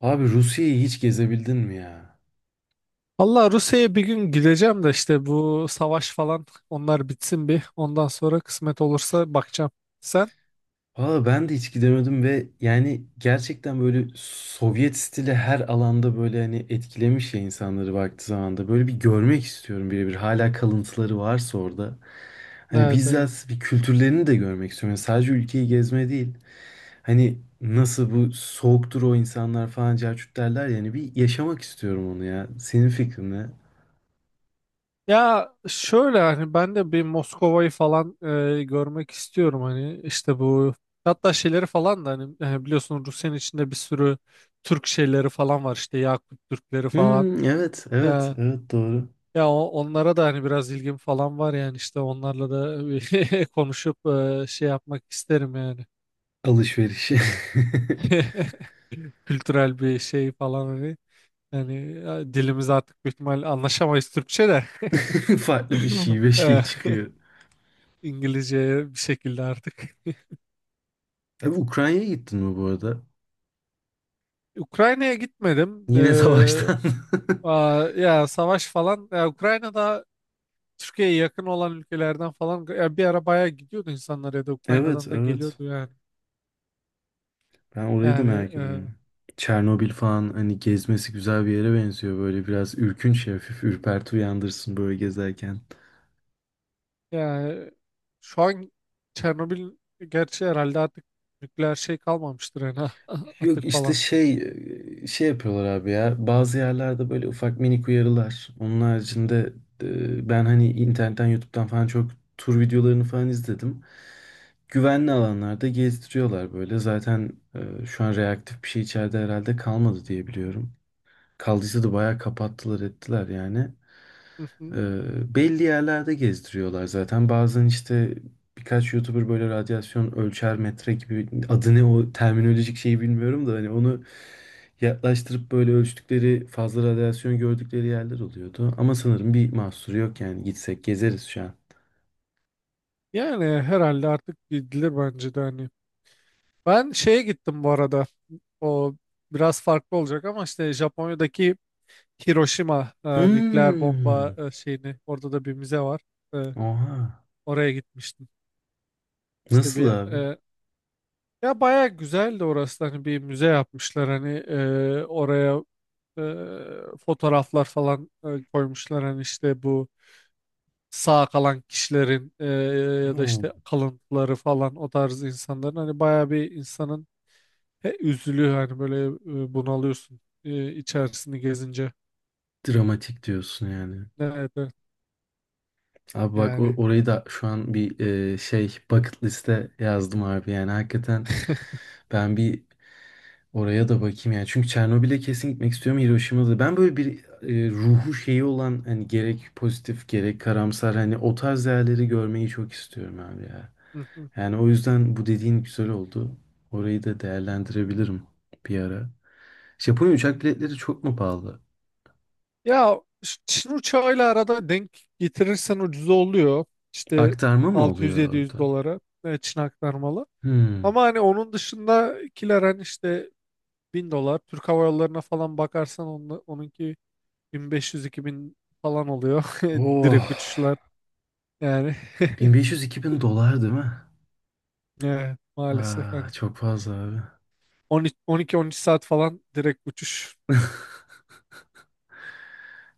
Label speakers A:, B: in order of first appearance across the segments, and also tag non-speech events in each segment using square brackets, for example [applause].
A: Abi Rusya'yı hiç gezebildin mi ya?
B: Valla Rusya'ya bir gün gideceğim de işte bu savaş falan onlar bitsin bir. Ondan sonra kısmet olursa bakacağım. Sen?
A: Valla ben de hiç gidemedim ve yani gerçekten böyle Sovyet stili her alanda böyle hani etkilemiş ya insanları baktığı zamanda. Böyle bir görmek istiyorum birebir. Hala kalıntıları varsa orada. Hani
B: Evet, evet.
A: bizzat bir kültürlerini de görmek istiyorum. Yani sadece ülkeyi gezme değil. Hani nasıl bu soğuktur o insanlar falan cahçut derler yani bir yaşamak istiyorum onu ya. Senin fikrin ne?
B: Ya şöyle hani ben de bir Moskova'yı falan görmek istiyorum hani işte bu hatta şeyleri falan da hani biliyorsun Rusya'nın içinde bir sürü Türk şeyleri falan var işte Yakut Türkleri falan.
A: Hmm, evet, evet,
B: E,
A: evet doğru.
B: Ya onlara da hani biraz ilgim falan var yani işte onlarla da [laughs] konuşup şey yapmak isterim yani.
A: Alışveriş. [laughs]
B: [laughs] Kültürel bir şey falan hani. Yani ya, dilimiz artık büyük ihtimal anlaşamayız Türkçe de.
A: [laughs] Farklı bir
B: [laughs]
A: şive şey
B: Eh, [laughs]
A: çıkıyor.
B: İngilizceye bir şekilde artık.
A: Abi Ukrayna'ya gittin mi bu arada?
B: Ukrayna'ya gitmedim.
A: Yine savaştan. [laughs]
B: Ya savaş falan. Ya, Ukrayna'da Türkiye'ye yakın olan ülkelerden falan ya, bir ara bayağı gidiyordu insanlar ya da
A: Evet,
B: Ukrayna'dan da
A: evet.
B: geliyordu yani.
A: Ben orayı da
B: Yani
A: merak ediyorum. Çernobil falan hani gezmesi güzel bir yere benziyor. Böyle biraz ürkünç, hafif ürperti uyandırsın böyle gezerken.
B: yani şu an Çernobil gerçi herhalde artık nükleer şey kalmamıştır yani [laughs]
A: Yok
B: atık
A: işte
B: falan.
A: şey şey yapıyorlar abi ya. Bazı yerlerde böyle ufak minik uyarılar. Onun haricinde ben hani internetten, YouTube'dan falan çok tur videolarını falan izledim. Güvenli alanlarda gezdiriyorlar böyle. Zaten şu an reaktif bir şey içeride herhalde kalmadı diye biliyorum. Kaldıysa da bayağı kapattılar ettiler yani.
B: [laughs]
A: Belli yerlerde gezdiriyorlar zaten. Bazen işte birkaç YouTuber böyle radyasyon ölçer metre gibi adı ne o terminolojik şeyi bilmiyorum da hani onu yaklaştırıp böyle ölçtükleri fazla radyasyon gördükleri yerler oluyordu. Ama sanırım bir mahsuru yok yani gitsek gezeriz şu an.
B: Yani herhalde artık bildirir bence de hani. Ben şeye gittim bu arada. O biraz farklı olacak ama işte Japonya'daki Hiroşima nükleer bomba
A: Hmm.
B: şeyini orada da bir müze var. E,
A: Oha.
B: Oraya gitmiştim. İşte
A: Nasıl
B: bir
A: abi?
B: ya baya güzeldi orası. Hani bir müze yapmışlar hani oraya fotoğraflar falan koymuşlar hani işte bu sağ kalan kişilerin, ya da
A: Hmm.
B: işte kalıntıları falan o tarz insanların hani baya bir insanın. Üzülüyor hani böyle bunalıyorsun içerisini gezince.
A: Dramatik diyorsun yani.
B: Evet, evet,
A: Abi bak
B: yani.
A: orayı da şu an bir şey bucket liste yazdım abi yani hakikaten ben bir oraya da bakayım yani. Çünkü Çernobil'e kesin gitmek istiyorum. Hiroşima'da. Ben böyle bir ruhu şeyi olan hani gerek pozitif gerek karamsar hani o tarz yerleri görmeyi çok istiyorum abi ya.
B: Hı hı.
A: Yani o yüzden bu dediğin güzel oldu. Orayı da değerlendirebilirim bir ara. Japonya uçak biletleri çok mu pahalı?
B: Ya Çin uçağıyla arada denk getirirsen ucuz oluyor. İşte
A: Aktarma mı oluyor
B: 600-700
A: orada?
B: dolara Çin aktarmalı.
A: Hmm.
B: Ama hani onun dışındakiler hani işte 1000 dolar. Türk Hava Yolları'na falan bakarsan onunla, onunki 1500-2000 falan oluyor. [laughs]
A: Oh.
B: Direkt uçuşlar yani. [laughs]
A: 1500-2000 dolar değil mi?
B: Evet, maalesef
A: Aa,
B: hani
A: çok fazla abi.
B: 12-13 saat falan direkt uçuş.
A: [laughs]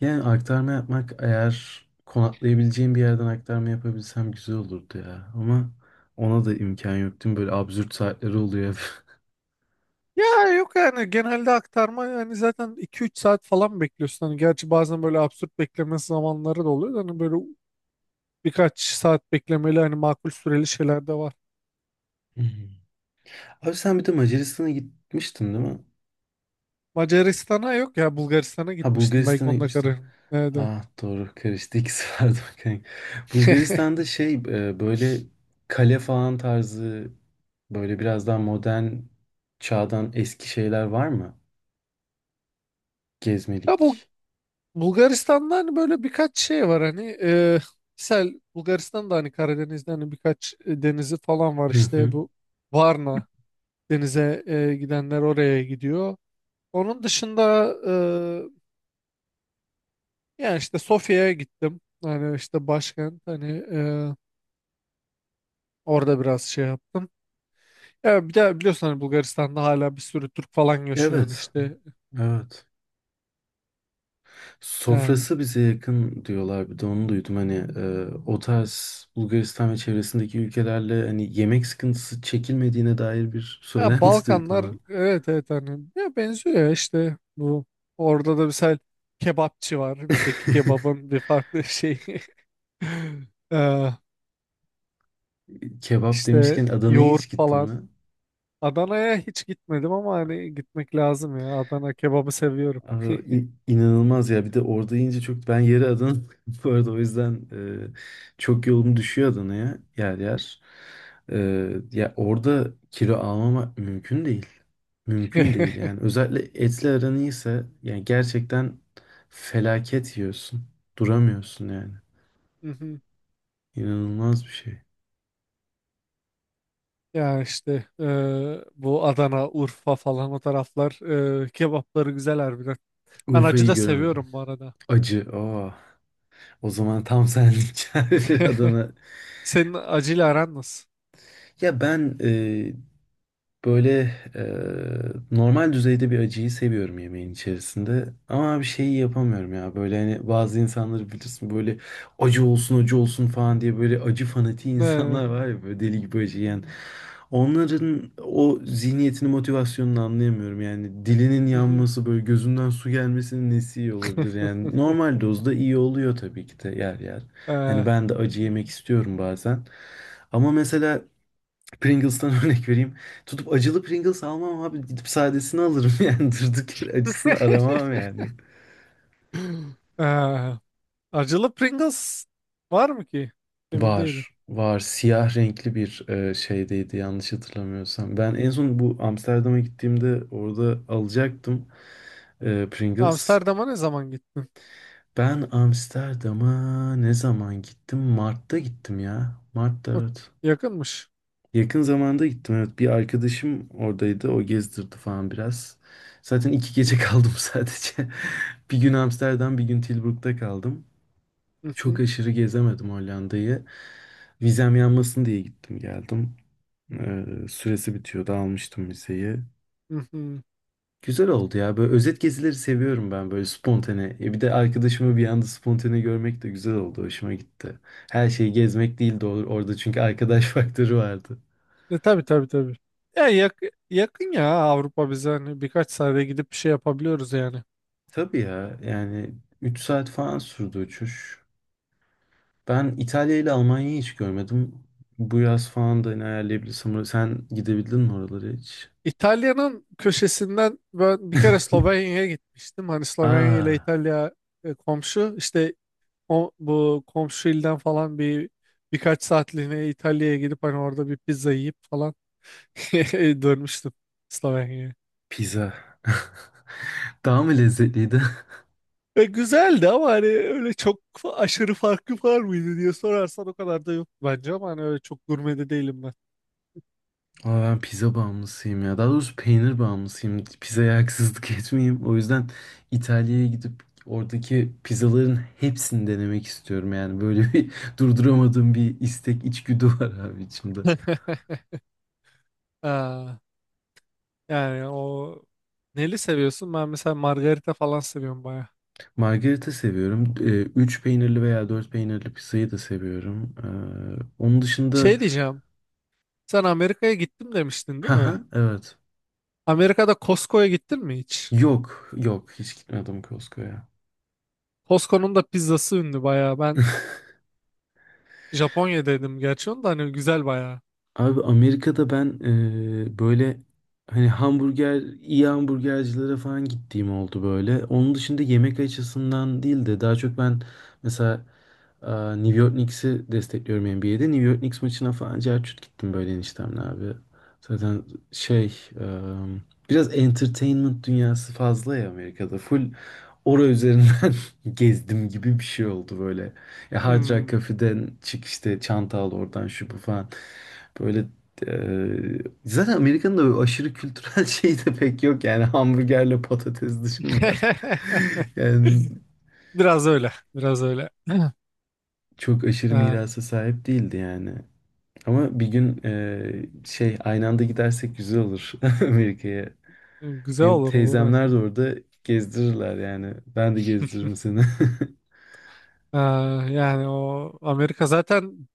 A: Yani aktarma yapmak eğer konaklayabileceğim bir yerden aktarma yapabilsem güzel olurdu ya. Ama ona da imkan yok değil mi? Böyle absürt saatleri oluyor hep. [laughs]
B: Ya yok yani genelde aktarma, yani zaten iki üç saat falan bekliyorsun. Hani gerçi bazen böyle absürt bekleme zamanları da oluyor da Hani böyle birkaç saat beklemeli hani makul süreli şeyler de var.
A: Hmm. Abi sen bir de Macaristan'a gitmiştin değil mi?
B: Macaristan'a yok ya, Bulgaristan'a
A: Ha,
B: gitmiştim, belki
A: Bulgaristan'a
B: onda
A: gitmiştin.
B: kararım. Nerede?
A: Ah, doğru karıştı ikisi [laughs] vardı bakayım. Bulgaristan'da
B: [laughs]
A: şey böyle kale falan tarzı böyle biraz daha modern çağdan eski şeyler var mı?
B: Ya bu
A: Gezmelik.
B: Bulgaristan'da hani böyle birkaç şey var hani e, misal Bulgaristan'da hani Karadeniz'de hani birkaç denizi falan var
A: Hı
B: işte
A: hı.
B: bu Varna denize gidenler oraya gidiyor. Onun dışında, yani işte Sofya'ya gittim. Hani işte başkent hani e, orada biraz şey yaptım. Ya bir de biliyorsun hani Bulgaristan'da hala bir sürü Türk falan yaşıyor hani
A: Evet.
B: işte
A: Evet.
B: yani.
A: Sofrası bize yakın diyorlar. Bir de onu duydum. Hani o tarz Bulgaristan ve çevresindeki ülkelerle hani yemek sıkıntısı çekilmediğine dair bir
B: Ya
A: söylenti [laughs] duydum.
B: Balkanlar,
A: Ha.
B: evet evet hani ya benziyor ya işte bu orada da mesela kebapçı var. Bizdeki
A: [laughs]
B: kebabın bir farklı şeyi. [laughs] E,
A: Kebap
B: işte
A: demişken Adana'ya
B: yoğurt
A: hiç gittin
B: falan.
A: mi?
B: Adana'ya hiç gitmedim ama hani gitmek lazım ya. Adana kebabı seviyorum.
A: Abi, inanılmaz ya. Bir de orada yiyince çok ben yeri Adana [laughs] bu arada o yüzden çok yolum düşüyor Adana'ya yer yer. E, ya orada kilo almamak mümkün değil. Mümkün değil yani. Özellikle etli aran iyiyse yani gerçekten felaket yiyorsun. Duramıyorsun yani.
B: [laughs] [laughs]
A: İnanılmaz bir şey.
B: Ya işte bu Adana, Urfa falan o taraflar kebapları güzel harbiden. Ben acı
A: Urfa'yı
B: da
A: göremedim.
B: seviyorum bu arada.
A: Acı. Aa. O zaman tam senlik [laughs]
B: [laughs]
A: Adana.
B: Senin acıyla aran nasıl?
A: Ya ben böyle normal düzeyde bir acıyı seviyorum yemeğin içerisinde. Ama bir şeyi yapamıyorum ya. Böyle hani bazı insanları bilirsin böyle acı olsun acı olsun falan diye böyle acı fanatiği [laughs] insanlar
B: Eee,
A: var ya böyle deli gibi acı yiyen. Onların o zihniyetini, motivasyonunu anlayamıyorum. Yani dilinin
B: mhm.
A: yanması, böyle gözünden su gelmesinin nesi iyi olabilir? Yani normal
B: [laughs]
A: dozda iyi oluyor tabii ki de yer yer. Hani
B: Eee,
A: ben de acı yemek istiyorum bazen. Ama mesela Pringles'tan [laughs] örnek vereyim. Tutup acılı Pringles almam abi. Gidip sadesini alırım [laughs] yani. Durduk yere acısını
B: [laughs]
A: aramam yani.
B: eee, acılı Pringles var mı ki? Emin değilim.
A: Var. Var. Siyah renkli bir şeydeydi yanlış hatırlamıyorsam. Ben en
B: Hmm.
A: son bu Amsterdam'a gittiğimde orada alacaktım Pringles.
B: Amsterdam'a ne zaman gittin?
A: Ben Amsterdam'a ne zaman gittim? Mart'ta gittim ya. Mart'ta
B: O
A: evet.
B: yakınmış.
A: Yakın zamanda gittim evet. Bir arkadaşım oradaydı. O gezdirdi falan biraz. Zaten 2 gece [laughs]
B: Mhm,
A: kaldım sadece. Bir gün Amsterdam, bir gün Tilburg'da kaldım. Çok
B: mhm,
A: aşırı gezemedim Hollanda'yı. Vizem yanmasın diye gittim geldim. Süresi bitiyordu almıştım vizeyi.
B: mhm.
A: Güzel oldu ya. Böyle özet gezileri seviyorum ben böyle spontane. Bir de arkadaşımı bir anda spontane görmek de güzel oldu. Hoşuma gitti. Her şeyi gezmek değil de orada çünkü arkadaş [laughs] faktörü vardı.
B: E, tabii tabii tabii. Ya yakın ya Avrupa bize, hani birkaç saate gidip bir şey yapabiliyoruz yani.
A: Tabii ya yani 3 saat falan sürdü uçuş. Ben İtalya ile Almanya'yı hiç görmedim. Bu yaz falan da hani ayarlayabilirsem. Sen gidebildin mi oralara hiç?
B: İtalya'nın köşesinden ben bir kere
A: [laughs]
B: Slovenya'ya gitmiştim. Hani Slovenya ile
A: Aa,
B: İtalya e, komşu. İşte bu komşu ilden falan birkaç saatliğine İtalya'ya gidip hani orada bir pizza yiyip falan [laughs] dönmüştüm Slovenya'ya.
A: pizza. [laughs] Daha mı lezzetliydi?
B: E, güzeldi ama hani öyle çok aşırı farkı var mıydı diye sorarsan o kadar da yok bence, ama hani öyle çok gurme de değilim ben.
A: Ama ben pizza bağımlısıyım ya. Daha doğrusu peynir bağımlısıyım. Pizzaya haksızlık [laughs] etmeyeyim. O yüzden İtalya'ya gidip oradaki pizzaların hepsini denemek istiyorum. Yani böyle bir [laughs] durduramadığım bir istek, içgüdü var abi içimde.
B: [laughs] Aa, yani o neli seviyorsun? Ben mesela margarita falan seviyorum baya.
A: Margarita seviyorum. Üç peynirli veya 4 peynirli pizzayı da seviyorum. Onun dışında...
B: Şey diyeceğim. Sen Amerika'ya gittim demiştin
A: [laughs]
B: değil mi?
A: Haha, evet.
B: Amerika'da Costco'ya gittin mi hiç?
A: Yok, yok. Hiç gitmedim Costco'ya.
B: Costco'nun da pizzası ünlü bayağı. Ben Japonya'daydım gerçi, onu da hani güzel bayağı.
A: Abi Amerika'da ben böyle hani hamburger, iyi hamburgercilere falan gittiğim oldu böyle. Onun dışında yemek açısından değil de daha çok ben mesela e, New York Knicks'i destekliyorum NBA'de. New York Knicks maçına falan cerçut gittim böyle eniştemle abi. Zaten şey e, biraz entertainment dünyası fazla ya Amerika'da. Full ora üzerinden [laughs] gezdim gibi bir şey oldu böyle. Ya Hard Rock
B: Hmm.
A: Cafe'den çık işte çanta al oradan şu bu falan. Böyle eee, zaten Amerika'nın da böyle aşırı kültürel [laughs] şeyi de pek yok yani hamburgerle patates dışında.
B: [laughs]
A: [laughs] Yani
B: Biraz öyle. Biraz öyle. [clears throat]
A: çok aşırı
B: Ha,
A: mirasa sahip değildi yani. Ama bir gün şey aynı anda gidersek güzel olur [laughs] Amerika'ya.
B: güzel
A: Benim
B: olur olur
A: teyzemler
B: hani.
A: de orada gezdirirler yani. Ben de gezdiririm
B: [laughs]
A: seni. [laughs]
B: Ha, yani o Amerika zaten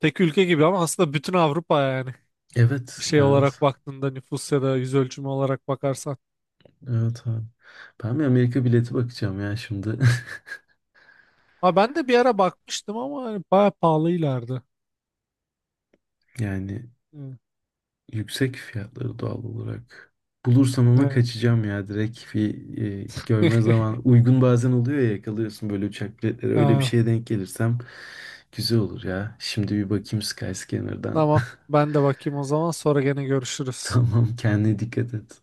B: tek ülke gibi ama aslında bütün Avrupa yani. Bir
A: Evet,
B: şey
A: evet,
B: olarak baktığında nüfus ya da yüz ölçümü olarak bakarsan.
A: evet abi. Ben bir Amerika bileti bakacağım ya şimdi.
B: Ha, ben de bir ara bakmıştım ama hani bayağı pahalıylardı.
A: [laughs] Yani
B: Evet.
A: yüksek fiyatları doğal olarak. Bulursam ama
B: Evet.
A: kaçacağım ya direkt bir görme zaman uygun bazen oluyor ya yakalıyorsun böyle uçak biletleri öyle bir
B: [laughs]
A: şeye denk gelirsem güzel olur ya. Şimdi bir bakayım Skyscanner'dan.
B: Tamam. Ben de bakayım o zaman. Sonra gene
A: [laughs]
B: görüşürüz.
A: Tamam kendine dikkat et.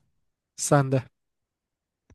B: Sen de.